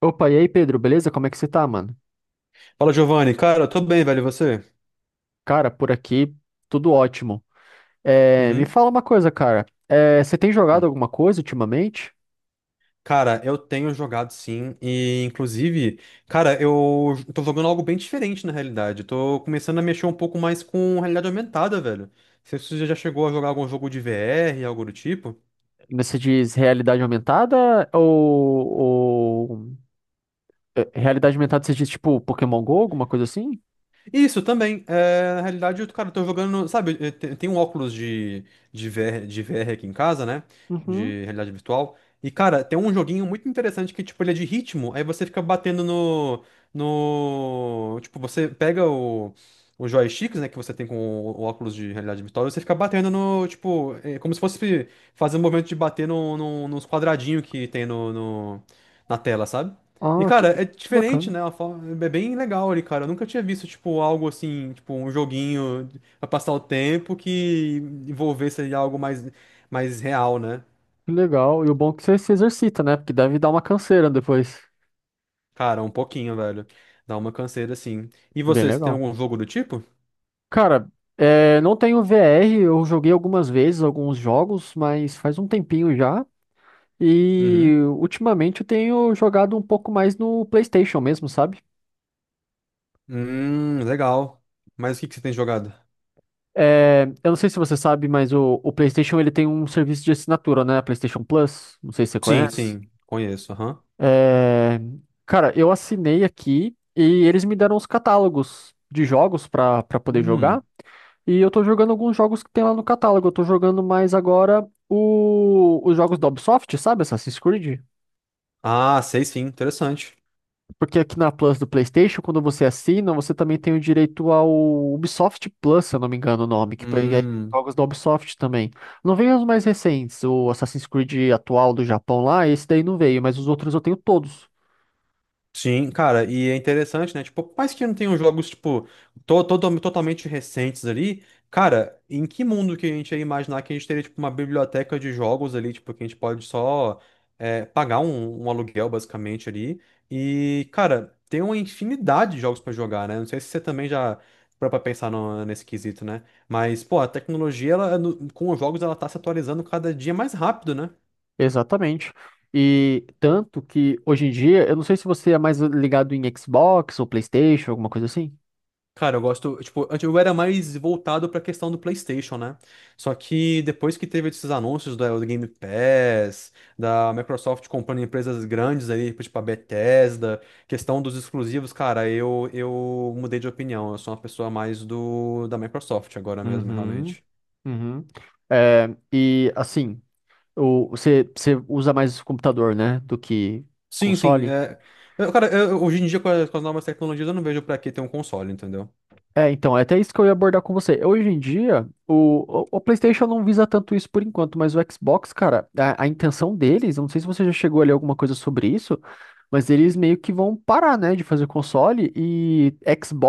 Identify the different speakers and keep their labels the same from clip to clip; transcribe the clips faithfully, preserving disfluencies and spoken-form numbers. Speaker 1: Opa, e aí, Pedro, beleza? Como é que você tá, mano?
Speaker 2: Fala, Giovanni. Cara, eu tô bem, velho. E você?
Speaker 1: Cara, por aqui, tudo ótimo. É, me
Speaker 2: Uhum.
Speaker 1: fala uma coisa, cara. É, você tem jogado
Speaker 2: Hum.
Speaker 1: alguma coisa ultimamente?
Speaker 2: Cara, eu tenho jogado sim, e inclusive, cara, eu tô jogando algo bem diferente na realidade. Eu tô começando a mexer um pouco mais com realidade aumentada, velho. Não sei se você já chegou a jogar algum jogo de V R, algo do tipo.
Speaker 1: Você diz realidade aumentada ou, ou- é, realidade aumentada você diz tipo Pokémon Go, alguma coisa assim?
Speaker 2: Isso também. É, na realidade, eu, cara, eu tô jogando. Sabe, eu te- eu tenho um óculos de, de V R, de V R aqui em casa, né?
Speaker 1: Uhum.
Speaker 2: De realidade virtual. E, cara, tem um joguinho muito interessante que, tipo, ele é de ritmo. Aí você fica batendo no. No. Tipo, você pega o. Os joysticks, né, que você tem com o, o óculos de realidade virtual, e você fica batendo no, tipo, é como se fosse fazer um movimento de bater no, no- nos quadradinhos que tem no, no- na tela, sabe? E,
Speaker 1: Ah, que,
Speaker 2: cara, é
Speaker 1: que
Speaker 2: diferente,
Speaker 1: bacana.
Speaker 2: né? Uma forma- É bem legal ali, cara. Eu nunca tinha visto, tipo, algo assim, tipo, um joguinho pra passar o tempo que envolvesse ali algo mais, mais real, né?
Speaker 1: Que legal. E o bom é que você se exercita, né? Porque deve dar uma canseira depois.
Speaker 2: Cara, um pouquinho, velho. Dá uma canseira, assim. E
Speaker 1: Bem
Speaker 2: você, você tem
Speaker 1: legal.
Speaker 2: algum jogo do tipo?
Speaker 1: Cara, é, não tenho V R, eu joguei algumas vezes alguns jogos, mas faz um tempinho já.
Speaker 2: Uhum.
Speaker 1: E ultimamente eu tenho jogado um pouco mais no PlayStation mesmo, sabe?
Speaker 2: Hum, legal. Mas o que que você tem jogado?
Speaker 1: É, eu não sei se você sabe, mas o, o PlayStation ele tem um serviço de assinatura, né? PlayStation Plus. Não sei se você
Speaker 2: Sim,
Speaker 1: conhece.
Speaker 2: sim, conheço, aham.
Speaker 1: É, cara, eu assinei aqui e eles me deram os catálogos de jogos pra para poder jogar.
Speaker 2: Hum.
Speaker 1: E eu tô jogando alguns jogos que tem lá no catálogo. Eu tô jogando mais agora o, os jogos da Ubisoft, sabe? Assassin's Creed.
Speaker 2: Ah, sei sim, interessante.
Speaker 1: Porque aqui na Plus do PlayStation, quando você assina, você também tem o direito ao Ubisoft Plus, se eu não me engano o nome, que aí hum tem
Speaker 2: Hum.
Speaker 1: jogos da Ubisoft também. Não veio os mais recentes, o Assassin's Creed atual do Japão lá, esse daí não veio, mas os outros eu tenho todos.
Speaker 2: Sim, cara, e é interessante, né? Tipo, por mais que não tenham jogos, tipo, to to- totalmente recentes ali, cara, em que mundo que a gente ia imaginar que a gente teria, tipo, uma biblioteca de jogos ali, tipo, que a gente pode só é, pagar um, um aluguel, basicamente, ali. E, cara, tem uma infinidade de jogos pra jogar, né? Não sei se você também já parou pra pensar no- nesse quesito, né? Mas, pô, a tecnologia, ela, no- com os jogos, ela tá se atualizando cada dia mais rápido, né?
Speaker 1: Exatamente. E tanto que hoje em dia, eu não sei se você é mais ligado em Xbox ou PlayStation, alguma coisa assim.
Speaker 2: Cara, eu gosto, tipo, antes eu era mais voltado pra questão do PlayStation, né? Só que depois que teve esses anúncios do, do Game Pass, da Microsoft comprando empresas grandes aí, tipo a Bethesda, questão dos exclusivos, cara, eu eu mudei de opinião. Eu sou uma pessoa mais do da Microsoft agora mesmo,
Speaker 1: Uhum,
Speaker 2: realmente.
Speaker 1: uhum. É, e assim, o, você, você usa mais computador, né, do que
Speaker 2: Sim, sim,
Speaker 1: console?
Speaker 2: é. eu- cara, eu- hoje em dia com as, com as novas tecnologias eu não vejo pra que ter um console, entendeu?
Speaker 1: É, então, é até isso que eu ia abordar com você. Hoje em dia, o, o, o PlayStation não visa tanto isso por enquanto, mas o Xbox, cara, a, a intenção deles, eu não sei se você já chegou a ler alguma coisa sobre isso, mas eles meio que vão parar, né, de fazer console e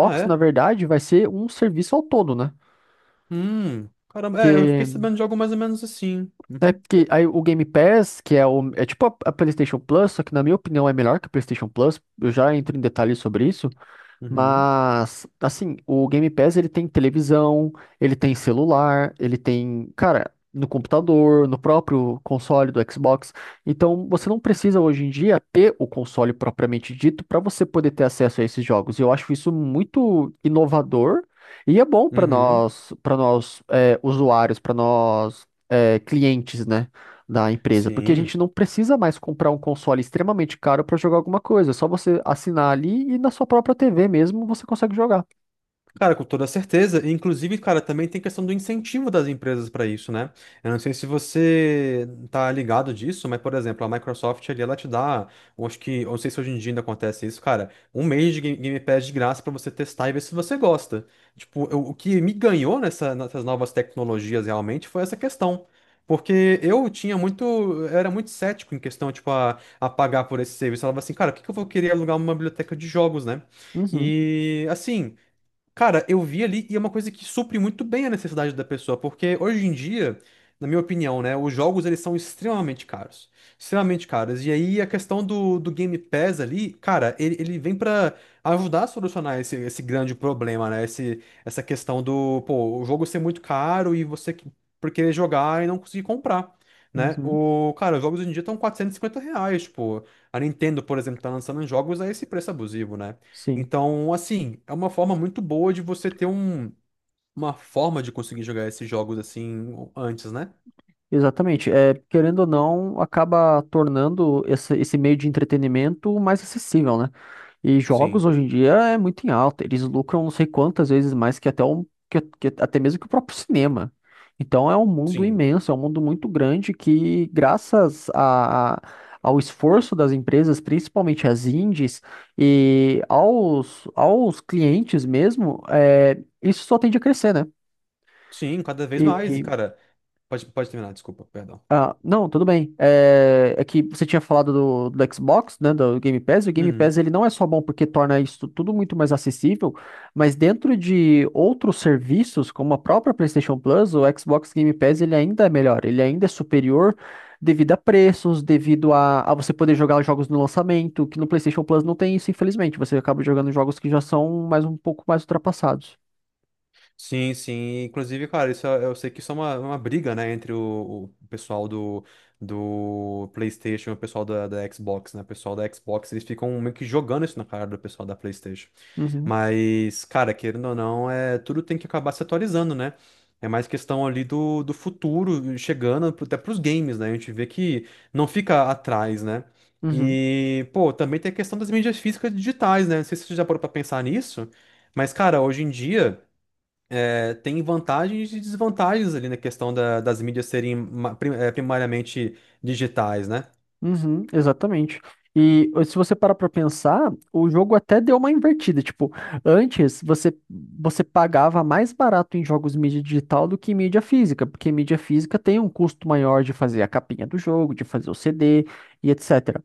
Speaker 2: Ah,
Speaker 1: na
Speaker 2: é?
Speaker 1: verdade, vai ser um serviço ao todo, né?
Speaker 2: Hum. Caramba, é, eu
Speaker 1: Que
Speaker 2: fiquei sabendo de algo mais ou menos assim.
Speaker 1: É
Speaker 2: Uhum.
Speaker 1: porque aí o Game Pass, que é, o, é tipo a, a PlayStation Plus, só que na minha opinião é melhor que a PlayStation Plus, eu já entro em detalhes sobre isso.
Speaker 2: Uhum.
Speaker 1: Mas, assim, o Game Pass ele tem televisão, ele tem celular, ele tem, cara, no computador, no próprio console do Xbox. Então, você não precisa hoje em dia ter o console propriamente dito para você poder ter acesso a esses jogos. E eu acho isso muito inovador e é bom para
Speaker 2: Uhum.
Speaker 1: nós, para nós é, usuários, para nós é, clientes, né? Da empresa, porque a
Speaker 2: Sim.
Speaker 1: gente não precisa mais comprar um console extremamente caro para jogar alguma coisa, é só você assinar ali e na sua própria T V mesmo você consegue jogar.
Speaker 2: Cara, com toda certeza. E, inclusive, cara, também tem questão do incentivo das empresas para isso, né? Eu não sei se você tá ligado disso, mas, por exemplo, a Microsoft ali, ela te dá, eu acho que, eu não sei se hoje em dia ainda acontece isso, cara, um mês de Ga- Game Pass de graça para você testar e ver se você gosta. Tipo, eu- o que me ganhou nessa- nessas novas tecnologias realmente foi essa questão. Porque eu tinha muito, eu era muito cético em questão, tipo, a, a pagar por esse serviço. Eu falava assim, cara, por que que eu vou querer alugar uma biblioteca de jogos, né?
Speaker 1: Uhum,
Speaker 2: E assim. Cara, eu vi ali e é uma coisa que supre muito bem a necessidade da pessoa, porque hoje em dia, na minha opinião, né, os jogos eles são extremamente caros, extremamente caros. E aí a questão do, do Game Pass ali, cara, ele, ele vem pra ajudar a solucionar esse, esse grande problema, né? Esse, essa questão do, pô, o jogo ser muito caro e você que- por querer jogar e não conseguir comprar. Né?
Speaker 1: uhum,
Speaker 2: O, cara, os jogos hoje em dia estão quatrocentos e cinquenta reais, tipo, a Nintendo, por exemplo, tá lançando jogos a esse preço abusivo, né?
Speaker 1: sim.
Speaker 2: Então, assim, é uma forma muito boa de você ter um, uma forma de conseguir jogar esses jogos assim antes, né?
Speaker 1: Exatamente. É, querendo ou não, acaba tornando esse, esse meio de entretenimento mais acessível, né? E jogos
Speaker 2: Sim,
Speaker 1: hoje em dia é muito em alta. Eles lucram não sei quantas vezes mais que até, um, que, que até mesmo que o próprio cinema. Então é um mundo
Speaker 2: sim,
Speaker 1: imenso, é um mundo muito grande que, graças a, a- ao esforço das empresas, principalmente as indies, e aos, aos clientes mesmo, é, isso só tende a crescer, né?
Speaker 2: sim, cada vez mais. E, cara, pode, pode terminar, desculpa, perdão.
Speaker 1: Ah, não, tudo bem. É, é que você tinha falado do, do Xbox, né, do Game Pass, e o Game Pass
Speaker 2: Uhum.
Speaker 1: ele não é só bom porque torna isso tudo muito mais acessível, mas dentro de outros serviços, como a própria PlayStation Plus, o Xbox Game Pass ele ainda é melhor, ele ainda é superior devido a preços, devido a, a você poder jogar os jogos no lançamento, que no PlayStation Plus não tem isso, infelizmente. Você acaba jogando jogos que já são mais um pouco mais ultrapassados.
Speaker 2: Sim, sim. Inclusive, cara, isso é- eu sei que isso é uma, uma briga, né, entre o, o pessoal do, do PlayStation e o pessoal da, da Xbox, né? O pessoal da Xbox, eles ficam meio que jogando isso na cara do pessoal da PlayStation.
Speaker 1: Uhum,
Speaker 2: Mas, cara, querendo ou não, é, tudo tem que acabar se atualizando, né? É mais questão ali do, do futuro chegando até pros games, né? A gente vê que não fica atrás, né?
Speaker 1: uhum.
Speaker 2: E, pô, também tem a questão das mídias físicas digitais, né? Não sei se você já parou pra pensar nisso, mas, cara, hoje em dia. É, tem vantagens e desvantagens ali na questão da- das mídias serem ma- prim- eh, primariamente digitais, né?
Speaker 1: Uhum, exatamente. E eh, se você parar pra pensar, o jogo até deu uma invertida. Tipo, antes você, você pagava mais barato em jogos mídia digital do que em mídia física, porque mídia física tem um custo maior de fazer a capinha do jogo, de fazer o C D e et cetera.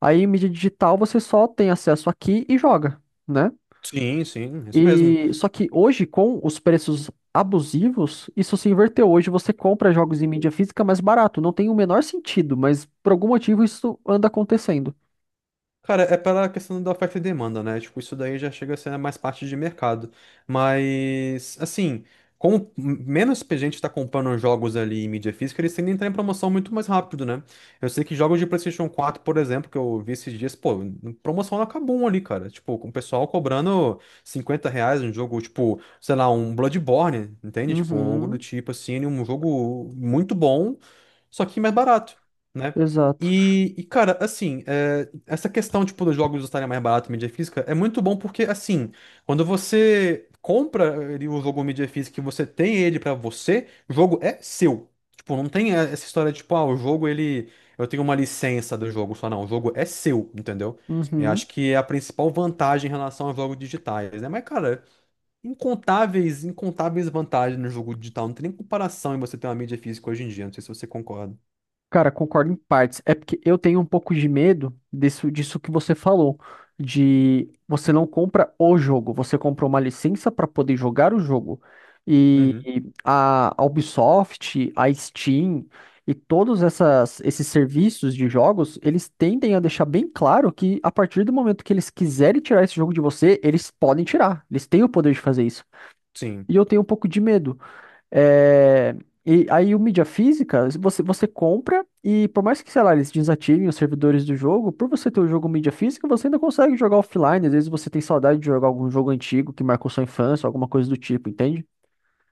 Speaker 1: Aí em mídia digital você só tem acesso aqui e joga, né?
Speaker 2: Sim, sim, isso mesmo.
Speaker 1: E só que hoje, com os preços abusivos, isso se inverteu. Hoje você compra jogos em mídia física mais barato. Não tem o menor sentido, mas por algum motivo isso anda acontecendo.
Speaker 2: Cara, é pela questão da oferta e demanda, né? Tipo, isso daí já chega a ser mais parte de mercado. Mas, assim, como menos gente tá comprando jogos ali em mídia física, eles tendem a entrar em promoção muito mais rápido, né? Eu sei que jogos de PlayStation quatro, por exemplo, que eu vi esses dias, pô, promoção na Kabum ali, cara. Tipo, com o pessoal cobrando cinquenta reais um jogo, tipo, sei lá, um Bloodborne, entende? Tipo, algo do
Speaker 1: Uhum,
Speaker 2: tipo, assim, um jogo muito bom só que mais barato, né?
Speaker 1: exato.
Speaker 2: E, e, cara, assim, é, essa questão, tipo, dos jogos estarem mais barato em mídia física é muito bom porque, assim, quando você compra ele, o jogo em mídia física e você tem ele pra você, o jogo é seu. Tipo, não tem eh, essa história de, tipo, ah, o jogo, ele... Eu tenho uma licença do jogo só, não. O jogo é seu, entendeu? Eu
Speaker 1: Uhum.
Speaker 2: acho que é a principal vantagem em relação aos jogos digitais, né? Mas, cara, incontáveis, incontáveis vantagens no jogo digital. Não tem nem comparação em você ter uma mídia física hoje em dia. Não sei se você concorda.
Speaker 1: Cara, concordo em partes. É porque eu tenho um pouco de medo disso, disso que você falou, de você não compra o jogo, você compra uma licença para poder jogar o jogo. E
Speaker 2: Uhum.
Speaker 1: a a Ubisoft, a Steam e todos essas, esses serviços de jogos, eles tendem a deixar bem claro que a partir do momento que eles quiserem tirar esse jogo de você, eles podem tirar. Eles têm o poder de fazer isso.
Speaker 2: Sim,
Speaker 1: E eu tenho um pouco de medo. É, e aí o mídia física, você, você compra e por mais que, sei lá, eles desativem os servidores do jogo, por você ter o jogo mídia física, você ainda consegue jogar offline. Às vezes você tem saudade de jogar algum jogo antigo que marcou sua infância, alguma coisa do tipo, entende?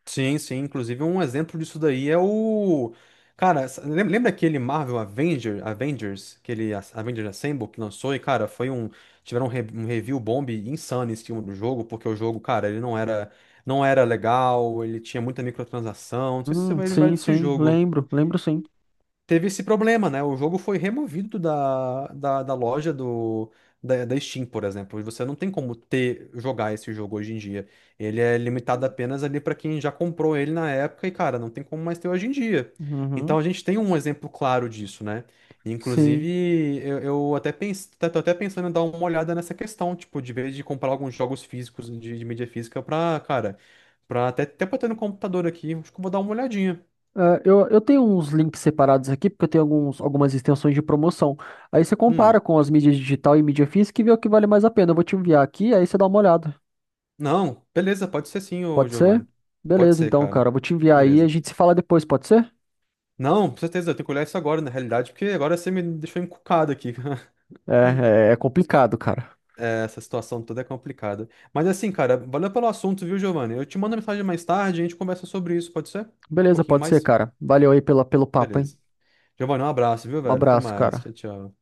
Speaker 2: sim, sim. Inclusive, um exemplo disso daí é o. Cara, s- lem- lembra aquele Marvel Avenger, Avengers, aquele As- Avengers Assemble que lançou? E, cara, foi um. Tiveram um, re- um review bomb insano em cima do jogo, porque o jogo, cara, ele não era, não era legal, ele tinha muita microtransação. Não sei se você
Speaker 1: Hum,
Speaker 2: vai lembrar
Speaker 1: sim,
Speaker 2: desse
Speaker 1: sim,
Speaker 2: jogo.
Speaker 1: lembro, lembro sim.
Speaker 2: Teve esse problema, né? O jogo foi removido da, da, da loja do, da, da Steam, por exemplo. E você não tem como ter, jogar esse jogo hoje em dia. Ele é limitado apenas ali para quem já comprou ele na época e, cara, não tem como mais ter hoje em dia.
Speaker 1: Uhum,
Speaker 2: Então a gente tem um exemplo claro disso, né?
Speaker 1: sim.
Speaker 2: Inclusive, eu, eu até penso, tô até pensando em dar uma olhada nessa questão, tipo, de vez de comprar alguns jogos físicos de, de mídia física pra, cara, pra até, até pra ter no computador aqui, acho que eu vou dar uma olhadinha.
Speaker 1: É, eu, eu tenho uns links separados aqui, porque eu tenho alguns, algumas extensões de promoção. Aí você compara
Speaker 2: Hum.
Speaker 1: com as mídias digital e mídia física e vê o que vale mais a pena. Eu vou te enviar aqui, aí você dá uma olhada.
Speaker 2: Não, beleza, pode ser sim, ô
Speaker 1: Pode ser?
Speaker 2: Giovanni. Pode
Speaker 1: Beleza,
Speaker 2: ser,
Speaker 1: então, cara.
Speaker 2: cara.
Speaker 1: Eu vou te enviar aí e a
Speaker 2: Beleza.
Speaker 1: gente se fala depois, pode ser?
Speaker 2: Não, com certeza, eu tenho que olhar isso agora, na realidade, porque agora você me deixou encucado aqui.
Speaker 1: É, é, é complicado, cara.
Speaker 2: Essa situação toda é complicada. Mas assim, cara, valeu pelo assunto, viu, Giovanni? Eu te mando mensagem mais tarde, e a gente conversa sobre isso, pode ser? Um
Speaker 1: Beleza,
Speaker 2: pouquinho
Speaker 1: pode ser,
Speaker 2: mais?
Speaker 1: cara. Valeu aí pela, pelo papo, hein?
Speaker 2: Beleza. Giovanni, um abraço, viu,
Speaker 1: Um
Speaker 2: velho? Até
Speaker 1: abraço,
Speaker 2: mais.
Speaker 1: cara.
Speaker 2: Tchau, tchau.